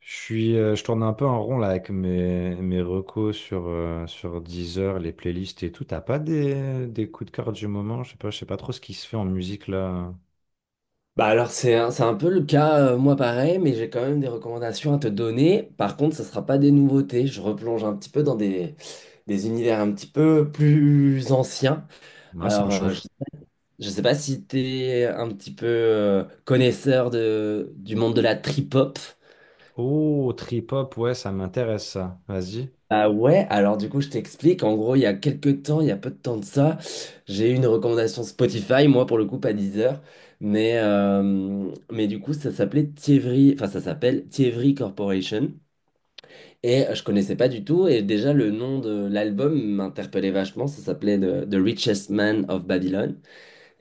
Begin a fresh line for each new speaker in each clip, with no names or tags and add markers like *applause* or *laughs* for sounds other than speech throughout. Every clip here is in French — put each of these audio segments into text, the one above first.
Je tourne un peu en rond là avec mes recos sur Deezer, les playlists et tout. T'as pas des coups de cœur du moment? Je sais pas trop ce qui se fait en musique là.
C'est un peu le cas, moi pareil, mais j'ai quand même des recommandations à te donner. Par contre, ça sera pas des nouveautés. Je replonge un petit peu des univers un petit peu plus anciens.
Moi, ça me
Alors, euh, je,
chauffe.
je sais pas si tu es un petit peu connaisseur du monde de la trip-hop.
Oh, trip-hop, ouais, ça m'intéresse ça. Vas-y.
Ah ouais, alors du coup je t'explique, en gros il y a quelques temps, il y a peu de temps de ça, j'ai eu une recommandation Spotify, moi pour le coup pas Deezer, mais du coup ça s'appelait Thievery, enfin ça s'appelle Thievery Corporation, et je connaissais pas du tout, et déjà le nom de l'album m'interpellait vachement, ça s'appelait The Richest Man of Babylon,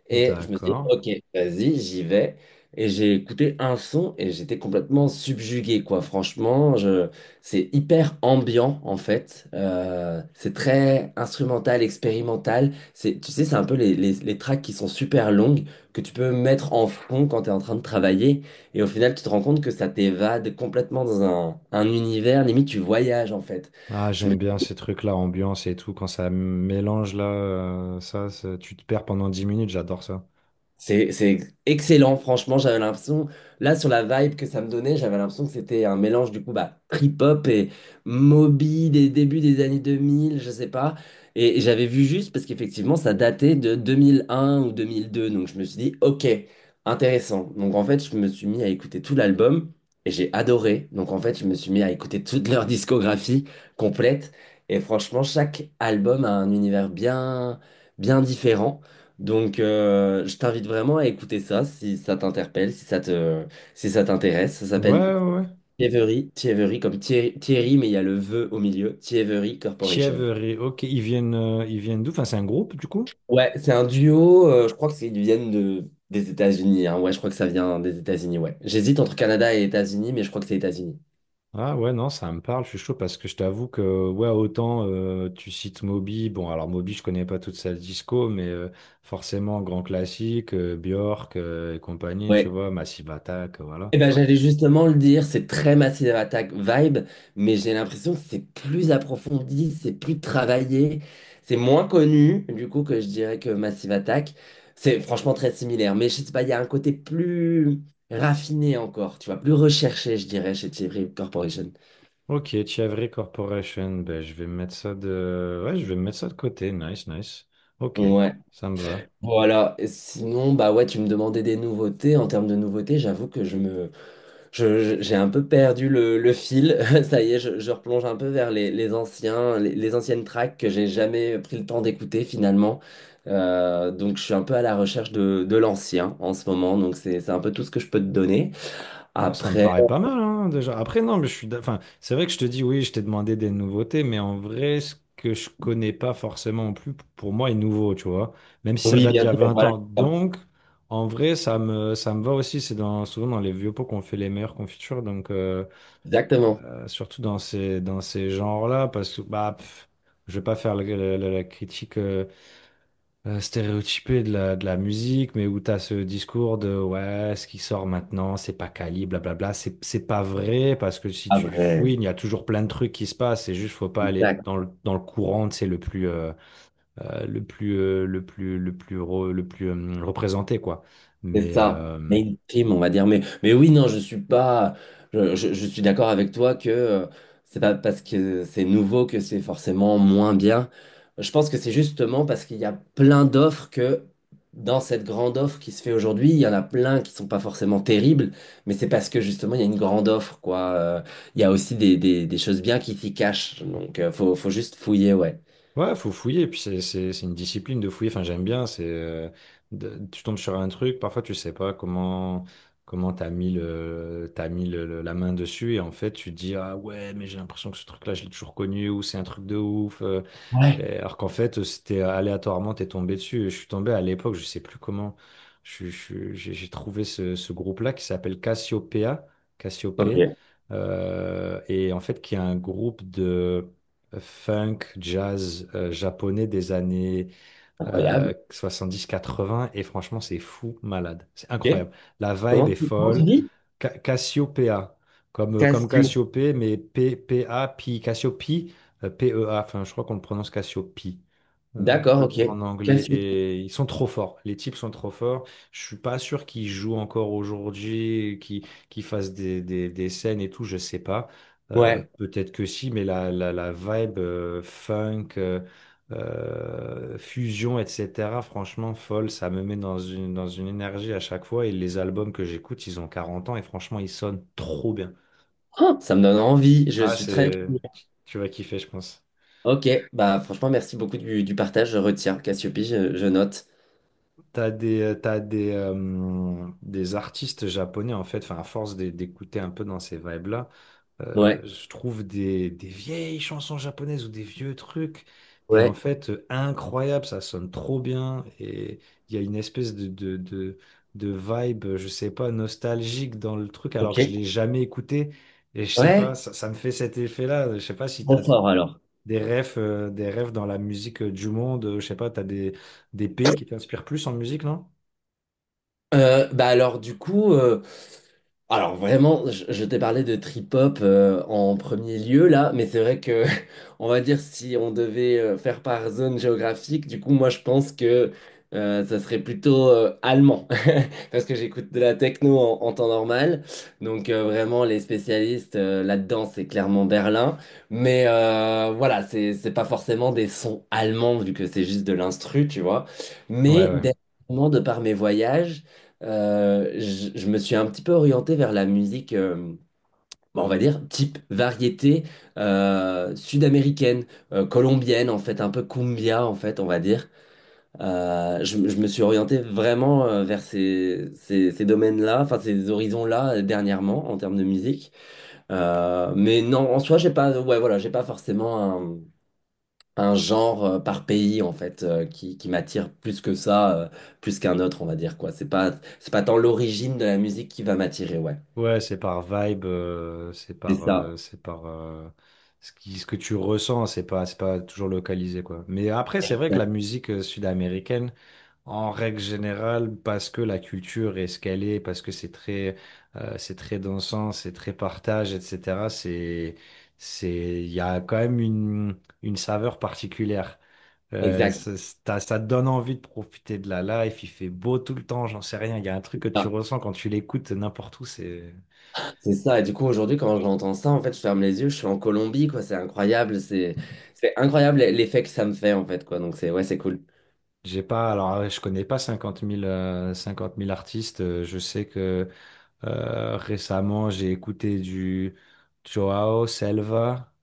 et je me suis dit,
D'accord.
ok, vas-y, j'y vais. Et j'ai écouté un son et j'étais complètement subjugué, quoi. C'est hyper ambiant, en fait. C'est très instrumental, expérimental. C'est, tu sais, c'est un peu les tracks qui sont super longues, que tu peux mettre en fond quand tu es en train de travailler. Et au final, tu te rends compte que ça t'évade complètement un univers. Limite, tu voyages, en fait.
Ah, j'aime bien ces trucs-là, ambiance et tout, quand ça mélange là, tu te perds pendant 10 minutes, j'adore ça.
C'est excellent, franchement, j'avais l'impression, là sur la vibe que ça me donnait, j'avais l'impression que c'était un mélange du coup bah, trip-hop et Moby des débuts des années 2000, je sais pas. Et j'avais vu juste parce qu'effectivement ça datait de 2001 ou 2002, donc je me suis dit ok, intéressant. Donc en fait je me suis mis à écouter tout l'album et j'ai adoré. Donc en fait je me suis mis à écouter toute leur discographie complète et franchement chaque album a un univers bien différent. Je t'invite vraiment à écouter ça si ça t'interpelle, si ça t'intéresse. Ça
Ouais, ouais,
s'appelle
ouais.
Thievery comme Thierry, mais il y a le vœu au milieu, Thievery Corporation.
Thievery, ok, ils viennent d'où? Enfin, c'est un groupe du coup?
Ouais, c'est un duo, je crois que c'est- ils viennent des États-Unis, hein. Ouais, je crois que ça vient des États-Unis, ouais. J'hésite entre Canada et États-Unis, mais je crois que c'est États-Unis.
Ah ouais, non, ça me parle, je suis chaud parce que je t'avoue que, ouais, autant tu cites Moby, bon, alors Moby, je connais pas toute sa disco, mais forcément, grand classique, Björk et compagnie, tu
Ouais,
vois, Massive Attack, voilà.
eh ben, j'allais justement le dire, c'est très Massive Attack vibe, mais j'ai l'impression que c'est plus approfondi, c'est plus travaillé, c'est moins connu, du coup, que je dirais que Massive Attack. C'est franchement très similaire, mais je sais pas, il y a un côté plus raffiné encore, tu vois, plus recherché, je dirais, chez Thierry Corporation.
Ok, Chiavri Corporation, ben je vais mettre ça de... Ouais, je vais mettre ça de côté, nice, nice. Ok,
Ouais,
ça me va.
voilà. Et sinon, bah ouais, tu me demandais des nouveautés. En termes de nouveautés, j'avoue que je me, Je- je- j'ai un peu perdu le fil. *laughs* Ça y est, je replonge un peu vers les anciennes tracks que j'ai jamais pris le temps d'écouter finalement. Donc je suis un peu à la recherche de l'ancien en ce moment. Donc c'est un peu tout ce que je peux te donner.
Moi, ça me
Après,
paraît pas mal, hein, déjà. Après, non, mais Enfin, c'est vrai que je te dis, oui, je t'ai demandé des nouveautés, mais en vrai, ce que je connais pas forcément non plus, pour moi, est nouveau, tu vois. Même si ça
oui,
date d'il
bien
y a
sûr,
20
voilà.
ans. Donc, en vrai, ça me va aussi. Souvent dans les vieux pots qu'on fait les meilleures confitures. Donc,
Exactement.
surtout dans ces genres-là, parce que, bah, pff, je vais pas faire la critique, stéréotypé de la musique, mais où tu as ce discours de ouais, ce qui sort maintenant, c'est pas quali, blablabla. C'est pas vrai parce que si tu
Après,
fouilles, il y a toujours plein de trucs qui se passent. C'est juste, faut pas aller
exact.
dans le courant, c'est le plus, le plus, le plus, le plus, re- le plus, représenté, quoi.
C'est
Mais,
ça,
euh,
mainstream, on va dire. Mais oui, non, je suis pas. Je suis d'accord avec toi que c'est pas parce que c'est nouveau que c'est forcément moins bien. Je pense que c'est justement parce qu'il y a plein d'offres que dans cette grande offre qui se fait aujourd'hui, il y en a plein qui sont pas forcément terribles, mais c'est parce que justement il y a une grande offre, quoi. Il y a aussi des choses bien qui s'y cachent. Donc faut, faut juste fouiller, ouais.
Ouais, faut fouiller, puis c'est une discipline de fouiller, enfin j'aime bien, tu tombes sur un truc, parfois tu sais pas comment t'as mis le- la main dessus et en fait tu te dis ah ouais mais j'ai l'impression que ce truc-là je l'ai toujours connu ou c'est un truc de ouf
Ouais.
et alors qu'en fait c'était aléatoirement t'es tombé dessus. Je suis tombé à l'époque, je sais plus comment, je suis- j'ai trouvé ce groupe-là qui s'appelle Cassiopeia,
Ok,
Cassiopeia et en fait qui est un groupe funk, jazz japonais des années
incroyable.
70-80 et franchement c'est fou malade, c'est
Ok.
incroyable. La vibe est
Comment tu
folle.
dis?
Cassiopeia, comme, comme
Cassio.
Cassiopée, mais P, P, A, Pi, Cassiopi, P, E, A, enfin, je crois qu'on le prononce Cassiopi euh,
D'accord, ok.
en anglais
Cassio.
et ils sont trop forts. Les types sont trop forts. Je suis pas sûr qu'ils jouent encore aujourd'hui, qu'ils fassent des scènes et tout, je sais pas.
Ouais.
Peut-être que si, mais la vibe funk, fusion, etc. Franchement, folle, ça me met dans une énergie à chaque fois. Et les albums que j'écoute, ils ont 40 ans et franchement, ils sonnent trop bien.
Oh, ça me donne envie. Je
Ah,
suis très
c'est...
curieux.
Tu vas kiffer, je pense.
Ok, bah franchement, merci beaucoup du partage. Je retiens. Cassiope, je note.
Des artistes japonais, en fait, enfin, à force d'écouter un peu dans ces vibes-là,
Ouais.
je trouve des vieilles chansons japonaises ou des vieux trucs. Et en
Ouais.
fait, incroyable, ça sonne trop bien. Et il y a une espèce de vibe, je sais pas, nostalgique dans le truc, alors
Ok.
que je l'ai jamais écouté. Et je sais pas,
Ouais.
ça me fait cet effet-là. Je sais pas si
Trop fort alors.
des rêves dans la musique du monde. Je sais pas, t'as des pays qui t'inspirent plus en musique, non?
Euh, bah alors du coup, euh, alors vraiment, je t'ai parlé de trip-hop en premier lieu là, mais c'est vrai que *laughs* on va dire si on devait faire par zone géographique, du coup moi je pense que ça serait plutôt allemand *laughs* parce que j'écoute de la techno en temps normal, donc vraiment les spécialistes là-dedans c'est clairement Berlin, mais voilà, c'est pas forcément des sons allemands vu que c'est juste de l'instru tu vois,
Ouais,
mais
ouais.
dernièrement, de par mes voyages je me suis un petit peu orienté vers la musique, bon, on va dire, type variété sud-américaine, colombienne, en fait, un peu cumbia, en fait, on va dire. Je me suis orienté vraiment vers ces domaines-là, enfin, ces horizons-là, dernièrement, en termes de musique. Mais non, en soi, j'ai pas, ouais, voilà, j'ai pas forcément un genre par pays en fait qui m'attire plus que ça, plus qu'un autre, on va dire quoi. C'est pas tant l'origine de la musique qui va m'attirer, ouais.
Ouais, c'est par vibe,
C'est ça.
c'est par ce que tu ressens, c'est pas toujours localisé, quoi. Mais après, c'est vrai que la musique sud-américaine, en règle générale, parce que la culture est ce qu'elle est, parce que c'est très dansant, c'est très partage, etc. Il y a quand même une saveur particulière.
Exact.
Ça te donne envie de profiter de la life, il fait beau tout le temps, j'en sais rien, il y a un truc que tu
Ah,
ressens quand tu l'écoutes n'importe où, c'est...
c'est ça. Et du coup, aujourd'hui, quand j'entends ça, en fait, je ferme les yeux, je suis en Colombie, quoi. C'est incroyable l'effet que ça me fait, en fait, quoi. Donc c'est ouais, c'est cool.
J'ai pas, alors je connais pas cinquante mille 50 000 artistes. Je sais que récemment j'ai écouté du Joao Selva.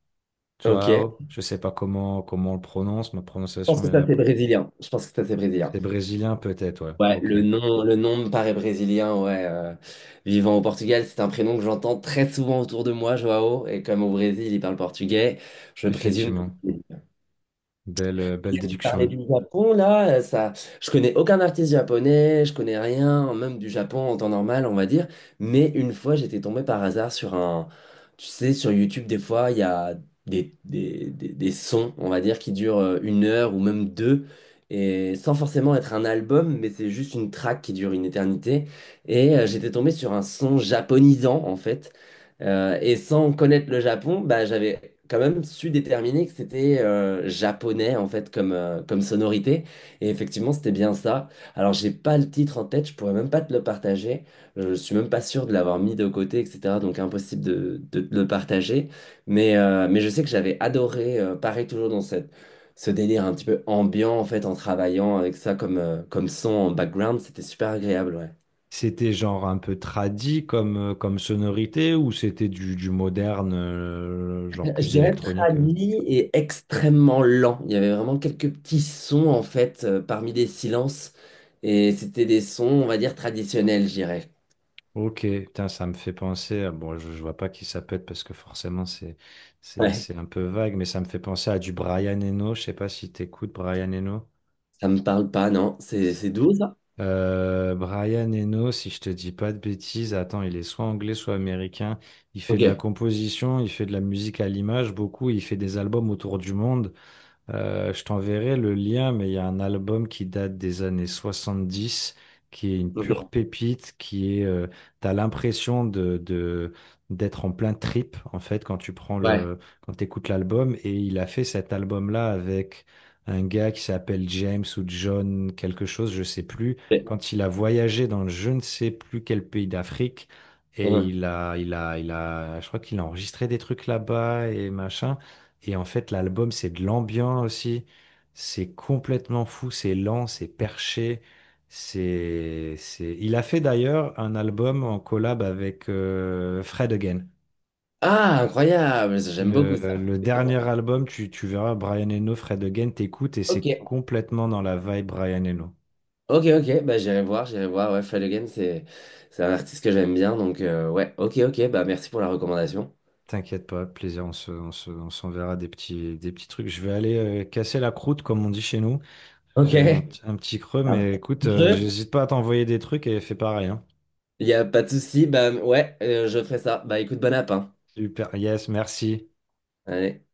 Ok. Je
Joao, je sais pas comment on le prononce, ma
pense
prononciation
que ça
est...
c'est brésilien. Je pense que ça c'est brésilien.
C'est brésilien peut-être, ouais.
Ouais,
Ok,
le nom me paraît brésilien, ouais. Vivant au Portugal, c'est un prénom que j'entends très souvent autour de moi, Joao, et comme au Brésil, il parle portugais, je présume. Que
effectivement. Belle, belle
tu parlais
déduction.
du Japon, là, je connais aucun artiste japonais, je connais rien, même du Japon en temps normal, on va dire. Mais une fois, j'étais tombé par hasard tu sais, sur YouTube, des fois, il y a des sons, on va dire, qui durent une heure ou même deux, et sans forcément être un album, mais c'est juste une track qui dure une éternité. Et j'étais tombé sur un son japonisant, en fait. Et sans connaître le Japon, bah, j'avais quand même su déterminer que c'était japonais en fait comme, comme sonorité. Et effectivement, c'était bien ça. Alors, j'ai pas le titre en tête, je pourrais même pas te le partager. Je suis même pas sûr de l'avoir mis de côté, etc. Donc, impossible de te le partager. Mais je sais que j'avais adoré, pareil, toujours dans cette, ce délire un petit peu ambiant en fait, en travaillant avec ça comme, comme son en background. C'était super agréable, ouais.
C'était genre un peu tradi comme, comme sonorité ou c'était du moderne, genre
Je
plus
dirais
électronique?
tradi et extrêmement lent. Il y avait vraiment quelques petits sons en fait parmi des silences et c'était des sons, on va dire traditionnels, je dirais.
Ok, putain, ça me fait penser à... Bon, je vois pas qui ça peut être parce que forcément
Ouais,
c'est un peu vague, mais ça me fait penser à du Brian Eno. Je sais pas si t'écoutes Brian Eno.
ça me parle pas, non? C'est doux ça?
Brian Eno, si je te dis pas de bêtises, attends, il est soit anglais, soit américain. Il fait
Ok,
de la composition, il fait de la musique à l'image beaucoup, il fait des albums autour du monde. Je t'enverrai le lien, mais il y a un album qui date des années 70, qui est une pure
ok,
pépite, qui est, t'as l'impression d'être en plein trip, en fait, quand tu prends
ouais.
le, quand t'écoutes l'album. Et il a fait cet album-là avec un gars qui s'appelle James ou John quelque chose, je sais plus,
Ouais.
quand il a voyagé dans je ne sais plus quel pays d'Afrique. Et
Uhum.
il a, je crois qu'il a enregistré des trucs là-bas et machin. Et en fait, l'album, c'est de l'ambiance aussi. C'est complètement fou, c'est lent, c'est perché. Il a fait d'ailleurs un album en collab avec Fred Again.
Ah, incroyable, ça, j'aime beaucoup ça.
Le
Ouais.
dernier album, tu verras Brian Eno, Fred Again, t'écoutes et
Ok,
c'est complètement dans la vibe Brian Eno.
ok, ok, bah j'irai voir, j'irai voir. Ouais, Fred Again, c'est un artiste que j'aime bien, donc ouais, ok, ok, bah merci pour la recommandation.
T'inquiète pas, plaisir, on s'enverra des petits trucs. Je vais aller casser la croûte, comme on dit chez nous.
Ok.
J'ai un petit creux,
Un
mais écoute,
petit creux.
j'hésite pas à t'envoyer des trucs et fais pareil, hein.
Il n'y a pas de souci. Bah, ouais, je ferai ça. Bah, écoute, bon app, hein.
Super, yes, merci.
Allez.